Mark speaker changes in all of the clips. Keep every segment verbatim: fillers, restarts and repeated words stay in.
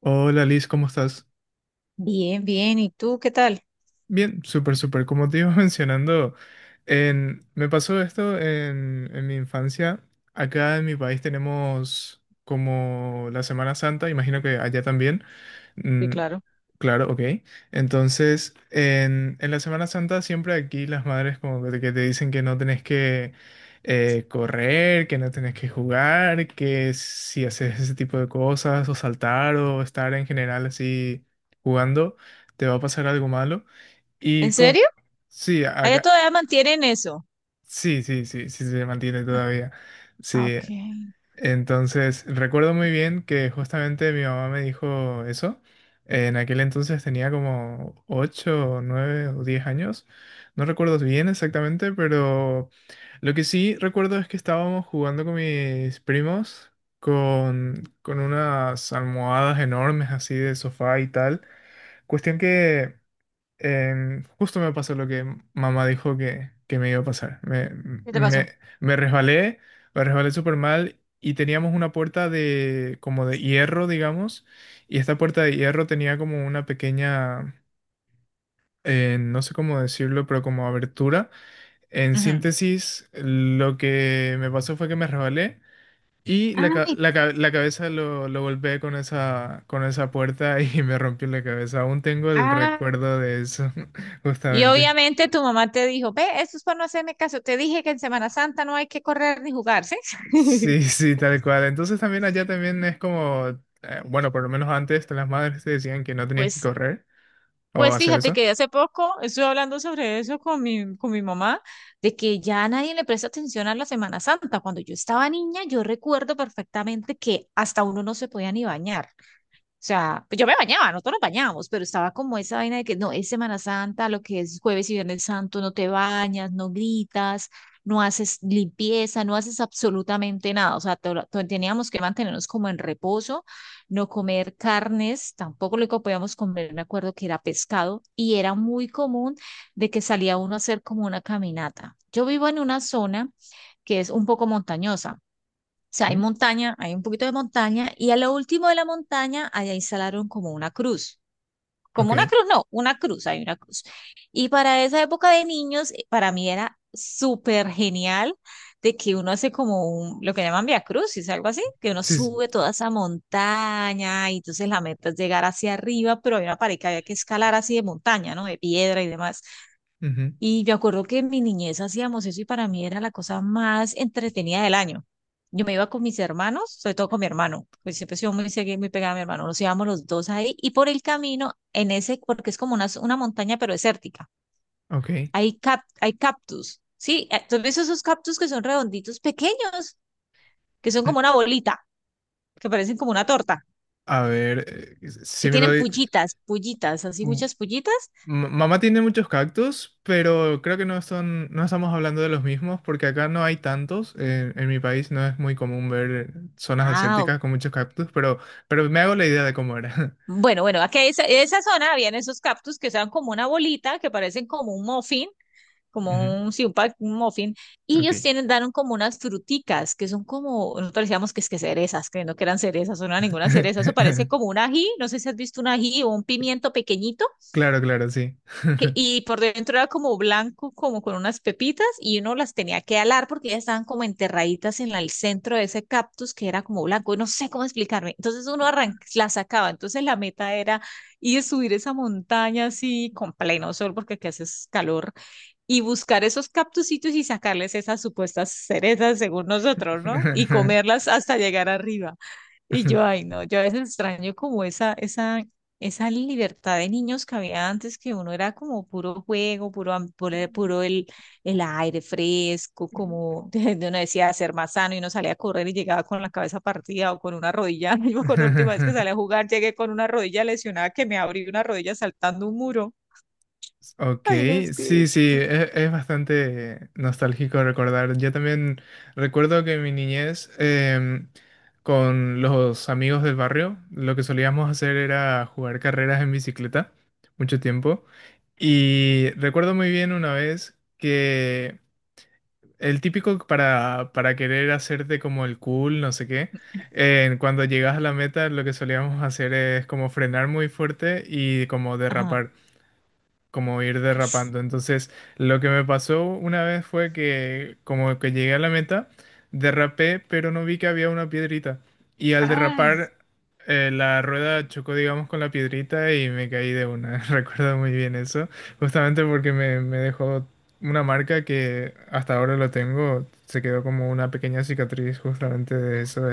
Speaker 1: Hola Liz, ¿cómo estás?
Speaker 2: Bien, bien. ¿Y tú qué tal?
Speaker 1: Bien, súper, súper. Como te iba mencionando, en- me pasó esto en, en mi infancia. Acá en mi país tenemos como la Semana Santa, imagino que allá también.
Speaker 2: Sí,
Speaker 1: Mm,
Speaker 2: claro.
Speaker 1: claro, ok. Entonces, en, en la Semana Santa siempre aquí las madres como que te, que te dicen que no tenés que eh, correr, que no tenés que jugar, que si haces ese tipo de cosas o saltar o estar en general así jugando, te va a pasar algo malo. Y
Speaker 2: ¿En
Speaker 1: con...
Speaker 2: serio?
Speaker 1: Sí,
Speaker 2: Allá
Speaker 1: acá...
Speaker 2: todavía mantienen eso.
Speaker 1: Sí, sí, sí, sí se mantiene todavía.
Speaker 2: Ah,
Speaker 1: Sí.
Speaker 2: ok.
Speaker 1: Entonces, recuerdo muy bien que justamente mi mamá me dijo eso. En aquel entonces tenía como ocho nueve o diez años. No recuerdo bien exactamente, pero lo que sí recuerdo es que estábamos jugando con mis primos con, con unas almohadas enormes así de sofá y tal. Cuestión que em, justo me pasó lo que mamá dijo que, que me iba a pasar. Me,
Speaker 2: ¿Qué te
Speaker 1: me,
Speaker 2: pasó?
Speaker 1: me resbalé, me resbalé súper mal y teníamos una puerta de como de hierro, digamos, y esta puerta de hierro tenía como una pequeña, eh, no sé cómo decirlo, pero como abertura. En
Speaker 2: Ujú.
Speaker 1: síntesis, lo que me pasó fue que me resbalé. Y la, ca-
Speaker 2: Ay,
Speaker 1: la, ca- la cabeza lo, lo golpeé con esa, con esa puerta y me rompió la cabeza. Aún tengo el
Speaker 2: ah,
Speaker 1: recuerdo de eso,
Speaker 2: y
Speaker 1: justamente.
Speaker 2: obviamente tu mamá te dijo: "Ve, esto es para no hacerme caso. Te dije que en Semana Santa no hay que correr ni jugar, ¿sí?"
Speaker 1: Sí, sí, tal cual. Entonces también allá también es como, eh, bueno, por lo menos antes las madres te decían que no tenías que
Speaker 2: Pues,
Speaker 1: correr o
Speaker 2: pues
Speaker 1: hacer
Speaker 2: fíjate
Speaker 1: eso.
Speaker 2: que hace poco estuve hablando sobre eso con mi, con mi mamá, de que ya nadie le presta atención a la Semana Santa. Cuando yo estaba niña, yo recuerdo perfectamente que hasta uno no se podía ni bañar. O sea, pues yo me bañaba, nosotros nos bañábamos, pero estaba como esa vaina de que no, es Semana Santa, lo que es jueves y viernes santo, no te bañas, no gritas, no haces limpieza, no haces absolutamente nada. O sea, to- to- teníamos que mantenernos como en reposo, no comer carnes, tampoco lo que podíamos comer, me acuerdo que era pescado, y era muy común de que salía uno a hacer como una caminata. Yo vivo en una zona que es un poco montañosa. O sea, hay
Speaker 1: ¿Mm?
Speaker 2: montaña, hay un poquito de montaña y a lo último de la montaña allá instalaron como una cruz. Como una
Speaker 1: Ok.
Speaker 2: cruz, no, una cruz, hay una cruz. Y para esa época de niños, eh, para mí era súper genial de que uno hace como un, lo que llaman vía crucis, algo así, que uno
Speaker 1: Sí, sí.
Speaker 2: sube toda esa montaña y entonces la meta es llegar hacia arriba, pero había una pared que había que escalar así de montaña, ¿no? De piedra y demás.
Speaker 1: Ujú,
Speaker 2: Y me acuerdo que en mi niñez hacíamos eso y para mí era la cosa más entretenida del año. Yo me iba con mis hermanos, sobre todo con mi hermano, pues siempre he sido muy seguida, muy pegada a mi hermano. Nos íbamos los dos ahí y por el camino, en ese, porque es como una, una montaña pero desértica,
Speaker 1: ok.
Speaker 2: hay, cap, hay cactus, ¿sí? Entonces ves esos cactus que son redonditos pequeños, que son
Speaker 1: Mm.
Speaker 2: como una bolita, que parecen como una torta,
Speaker 1: A ver, eh,
Speaker 2: que
Speaker 1: si me lo...
Speaker 2: tienen
Speaker 1: di-
Speaker 2: pullitas, pullitas, así
Speaker 1: mm,
Speaker 2: muchas pullitas.
Speaker 1: M- Mamá tiene muchos cactus, pero creo que no son, no estamos hablando de los mismos porque acá no hay tantos. Eh, en mi país no es muy común ver zonas
Speaker 2: Ah, ok.
Speaker 1: desérticas con muchos cactus, pero, pero me hago la idea de cómo era.
Speaker 2: Bueno, bueno, aquí en esa, esa zona habían esos cactus que son como una bolita, que parecen como un muffin,
Speaker 1: Ujú,
Speaker 2: como un, sí, un, pa- un muffin, y
Speaker 1: ok.
Speaker 2: ellos tienen, dan como unas fruticas, que son como, nosotros decíamos que es que cerezas, creyendo que eran cerezas, o no eran ninguna cereza, eso parece como un ají, no sé si has visto un ají o un pimiento pequeñito,
Speaker 1: Claro, claro, sí.
Speaker 2: que- y por dentro era como blanco, como con unas pepitas, y uno las tenía que alar porque ya estaban como enterraditas en la- el centro de ese cactus que era como blanco, y no sé cómo explicarme. Entonces uno arran- la sacaba, entonces la meta era ir a subir esa montaña así con pleno sol porque aquí hace calor, y buscar esos cactusitos y sacarles esas supuestas cerezas según nosotros, ¿no? Y comerlas hasta llegar arriba. Y yo, ay, no, yo a veces extraño como esa, esa, esa libertad de niños que había antes, que uno era como puro juego, puro, am- puro, puro el, el aire fresco, como uno decía ser más sano y uno salía a correr y llegaba con la cabeza partida o con una rodilla. Yo me acuerdo la última vez que salí a jugar, llegué con una rodilla lesionada que me abrí una rodilla saltando un muro.
Speaker 1: Ok,
Speaker 2: Ay, no, es
Speaker 1: sí,
Speaker 2: que...
Speaker 1: sí, e- es, bastante nostálgico recordar. Yo también recuerdo que en mi niñez, em, con los amigos del barrio, lo que solíamos hacer era jugar carreras en bicicleta, mucho tiempo. Y recuerdo muy bien una vez que el típico para, para querer hacerte como el cool, no sé qué, eh, cuando llegas a la meta, lo que solíamos hacer es como frenar muy fuerte y como
Speaker 2: Ajá.
Speaker 1: derrapar como ir derrapando. Entonces, lo que me pasó una vez fue que como que llegué a la meta, derrapé, pero no vi que había una piedrita. Y al
Speaker 2: Ay,
Speaker 1: derrapar, eh, la rueda chocó, digamos, con la piedrita y me caí de una. Recuerdo muy bien eso, justamente porque me, me dejó una marca que hasta ahora lo tengo. Se quedó como una pequeña cicatriz justamente de eso,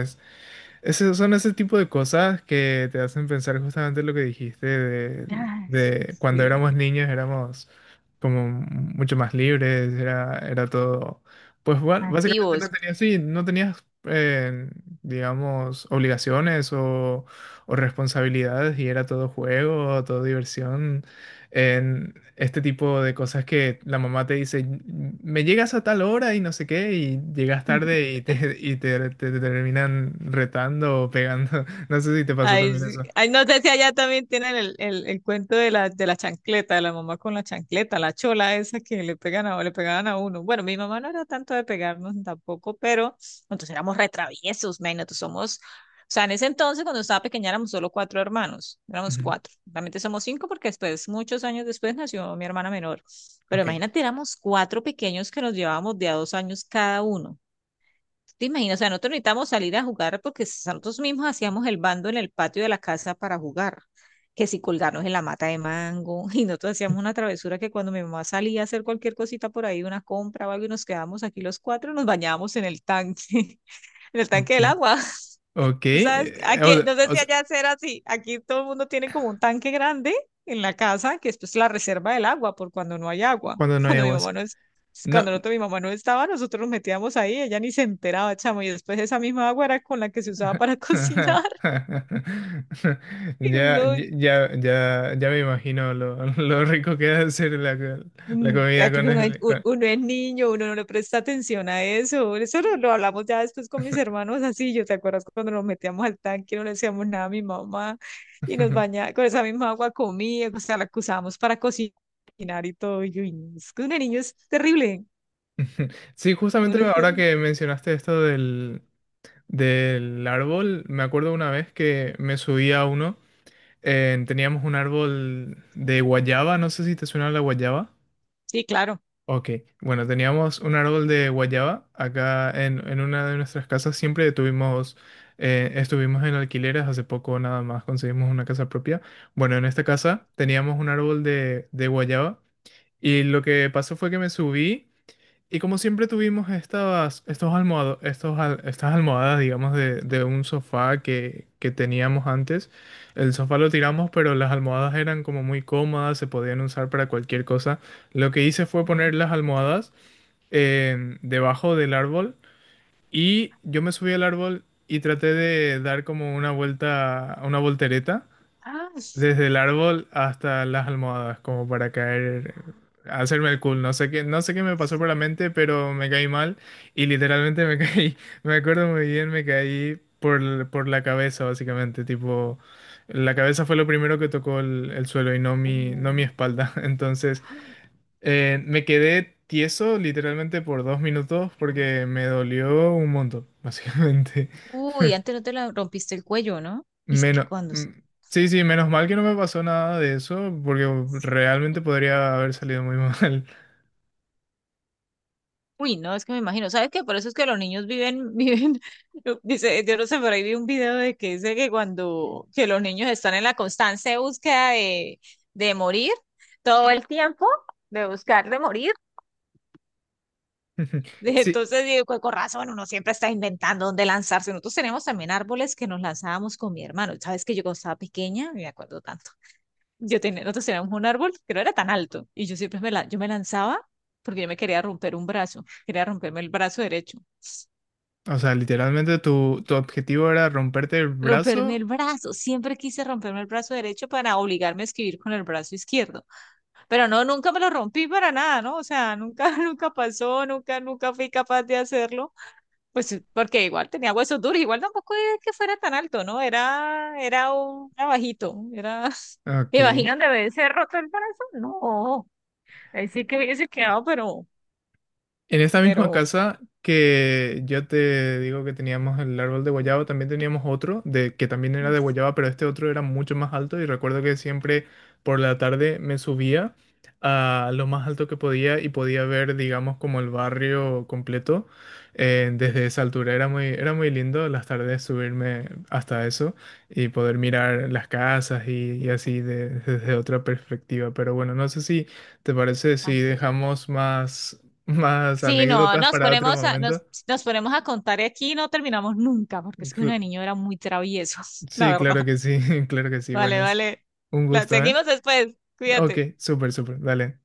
Speaker 1: ese- son ese tipo de cosas que te hacen pensar justamente lo que dijiste de,
Speaker 2: ay,
Speaker 1: de cuando
Speaker 2: sí.
Speaker 1: éramos niños éramos como mucho más libres, era, era todo. Pues bueno, básicamente no
Speaker 2: Activos.
Speaker 1: tenías, sí, no tenías, eh, digamos, obligaciones o, o responsabilidades y era todo juego, todo diversión en este tipo de cosas que la mamá te dice, me llegas a tal hora y no sé qué, y llegas tarde y te, y te, te- te terminan retando o pegando. No sé si te pasó
Speaker 2: Ay,
Speaker 1: también
Speaker 2: sí.
Speaker 1: eso.
Speaker 2: Ay, no sé si allá también tienen el, el, el cuento de la, de la chancleta, de la mamá con la chancleta, la chola esa que le pegan a, le pegaban a uno. Bueno, mi mamá no era tanto de pegarnos tampoco, pero nosotros éramos retraviesos, man, nosotros somos, o sea, en ese entonces cuando estaba pequeña éramos solo cuatro hermanos, éramos
Speaker 1: Ujú.
Speaker 2: cuatro, realmente somos cinco porque después, muchos años después nació mi hermana menor, pero
Speaker 1: Ok,
Speaker 2: imagínate, éramos cuatro pequeños que nos llevábamos de a dos años cada uno. Te imaginas, o sea, nosotros necesitamos salir a jugar porque nosotros mismos hacíamos el bando en el patio de la casa para jugar. Que si colgarnos en la mata de mango, y nosotros hacíamos una travesura que cuando mi mamá salía a hacer cualquier cosita por ahí, una compra o algo, y nos quedábamos aquí los cuatro, nos bañábamos en el tanque, en el tanque
Speaker 1: ok,
Speaker 2: del agua.
Speaker 1: ok.
Speaker 2: Tú sabes, que
Speaker 1: Eh,
Speaker 2: aquí, no sé
Speaker 1: o- o
Speaker 2: si
Speaker 1: sea,
Speaker 2: allá será así, aquí todo el mundo tiene como un tanque grande en la casa, que es pues la reserva del agua, por cuando no hay agua.
Speaker 1: cuando no hay
Speaker 2: Cuando mi
Speaker 1: aguas.
Speaker 2: mamá no es,
Speaker 1: No.
Speaker 2: cuando nosotros- mi mamá no estaba, nosotros nos metíamos ahí, ella ni se enteraba, chamo, y después esa misma agua era con la que se usaba para cocinar. Y
Speaker 1: Ya,
Speaker 2: no,
Speaker 1: ya, ya, ya me imagino lo, lo rico que debe ser la, la
Speaker 2: mm, ah,
Speaker 1: comida con
Speaker 2: pero uno, es
Speaker 1: el...
Speaker 2: u-
Speaker 1: con-
Speaker 2: uno es niño, uno no le presta atención a eso. Eso lo, lo hablamos ya después con mis hermanos así. Yo, ¿te acuerdas cuando nos metíamos al tanque, no le decíamos nada a mi mamá y nos bañaba con esa misma agua comía, o sea, la que usábamos para cocinar y todo. Y yo, "Uy, no, es que uno de niño es terrible.
Speaker 1: Sí, justamente
Speaker 2: Uno es
Speaker 1: ahora
Speaker 2: terrible."
Speaker 1: que mencionaste esto del, del árbol, me acuerdo una vez que me subí a uno, eh, teníamos un árbol de guayaba, no sé si te suena la guayaba.
Speaker 2: Sí, claro.
Speaker 1: Ok, bueno, teníamos un árbol de guayaba acá en, en una de nuestras casas, siempre tuvimos, eh, estuvimos en alquileres, hace poco nada más conseguimos una casa propia. Bueno, en esta casa teníamos un árbol de, de guayaba y lo que pasó fue que me subí. Y como siempre tuvimos estas, estos almohado- estos al- estas almohadas, digamos, de, de un sofá que, que teníamos antes, el sofá lo tiramos, pero las almohadas eran como muy cómodas, se podían usar para cualquier cosa. Lo que hice fue
Speaker 2: Ujú.
Speaker 1: poner las almohadas eh, debajo del árbol y yo me subí al árbol y traté de dar como una vuelta, una voltereta
Speaker 2: Ah,
Speaker 1: desde el árbol hasta las almohadas, como para caer, hacerme el cool. No sé qué, no sé qué me pasó por
Speaker 2: sí.
Speaker 1: la mente, pero me caí mal y literalmente me caí. Me acuerdo muy bien, me caí por, l- por la cabeza, básicamente. Tipo, la cabeza fue lo primero que tocó el, el suelo y no
Speaker 2: Uh,
Speaker 1: mi, no mi espalda. Entonces,
Speaker 2: ah,
Speaker 1: eh, me quedé tieso literalmente por dos minutos
Speaker 2: ah.
Speaker 1: porque me dolió un montón, básicamente.
Speaker 2: Uy, antes no te la rompiste el cuello, ¿no? Es que
Speaker 1: Menos,
Speaker 2: cuando...
Speaker 1: mm, sí, sí, menos mal que no me pasó nada de eso, porque realmente podría haber salido muy mal.
Speaker 2: Uy, no, es que me imagino, ¿sabes qué? Por eso es que los niños viven, viven, dice, yo no sé, por ahí vi un video de que dice que cuando, que los niños están en la constante búsqueda de, de morir, todo el tiempo, de buscar de morir,
Speaker 1: Sí,
Speaker 2: entonces digo, con con razón, uno siempre está inventando dónde lanzarse, nosotros tenemos también árboles que nos lanzábamos con mi hermano, ¿sabes que yo cuando estaba pequeña, me acuerdo tanto, yo tenía, nosotros teníamos un árbol que no era tan alto, y yo siempre me, la, yo me lanzaba porque yo me quería romper un brazo, quería romperme el brazo derecho,
Speaker 1: o sea, literalmente tu, tu objetivo era romperte el
Speaker 2: romperme
Speaker 1: brazo.
Speaker 2: el brazo. Siempre quise romperme el brazo derecho para obligarme a escribir con el brazo izquierdo. Pero no, nunca me lo rompí para nada, ¿no? O sea, nunca, nunca pasó, nunca, nunca fui capaz de hacerlo. Pues eh, porque igual tenía huesos duros, igual tampoco era que fuera tan alto, ¿no? Era, era un era bajito, era...
Speaker 1: Ok.
Speaker 2: ¿Me imaginan de haberse roto el brazo? No. Ahí sí que hubiese quedado, pero,
Speaker 1: En esta misma
Speaker 2: pero,
Speaker 1: casa que yo te digo que teníamos el árbol de guayaba, también teníamos otro de que también era de
Speaker 2: pues,
Speaker 1: guayaba, pero este otro era mucho más alto y recuerdo que siempre por la tarde me subía a lo más alto que podía y podía ver, digamos, como el barrio completo eh, desde esa altura. Era muy, era muy lindo las tardes subirme hasta eso y poder mirar las casas y, y así de- desde otra perspectiva. Pero bueno, no sé si... ¿Te parece si
Speaker 2: ay, qué...
Speaker 1: dejamos más más
Speaker 2: Sí, no,
Speaker 1: anécdotas
Speaker 2: nos
Speaker 1: para otro
Speaker 2: ponemos a, nos,
Speaker 1: momento?
Speaker 2: nos ponemos a contar aquí y no terminamos nunca, porque es que uno
Speaker 1: Cl-
Speaker 2: de niño era muy travieso, la
Speaker 1: sí, claro
Speaker 2: verdad.
Speaker 1: que sí, claro que sí. Bueno,
Speaker 2: Vale,
Speaker 1: es
Speaker 2: vale.
Speaker 1: un
Speaker 2: La
Speaker 1: gusto, ¿eh?
Speaker 2: seguimos después.
Speaker 1: Ok,
Speaker 2: Cuídate.
Speaker 1: súper, súper. Dale.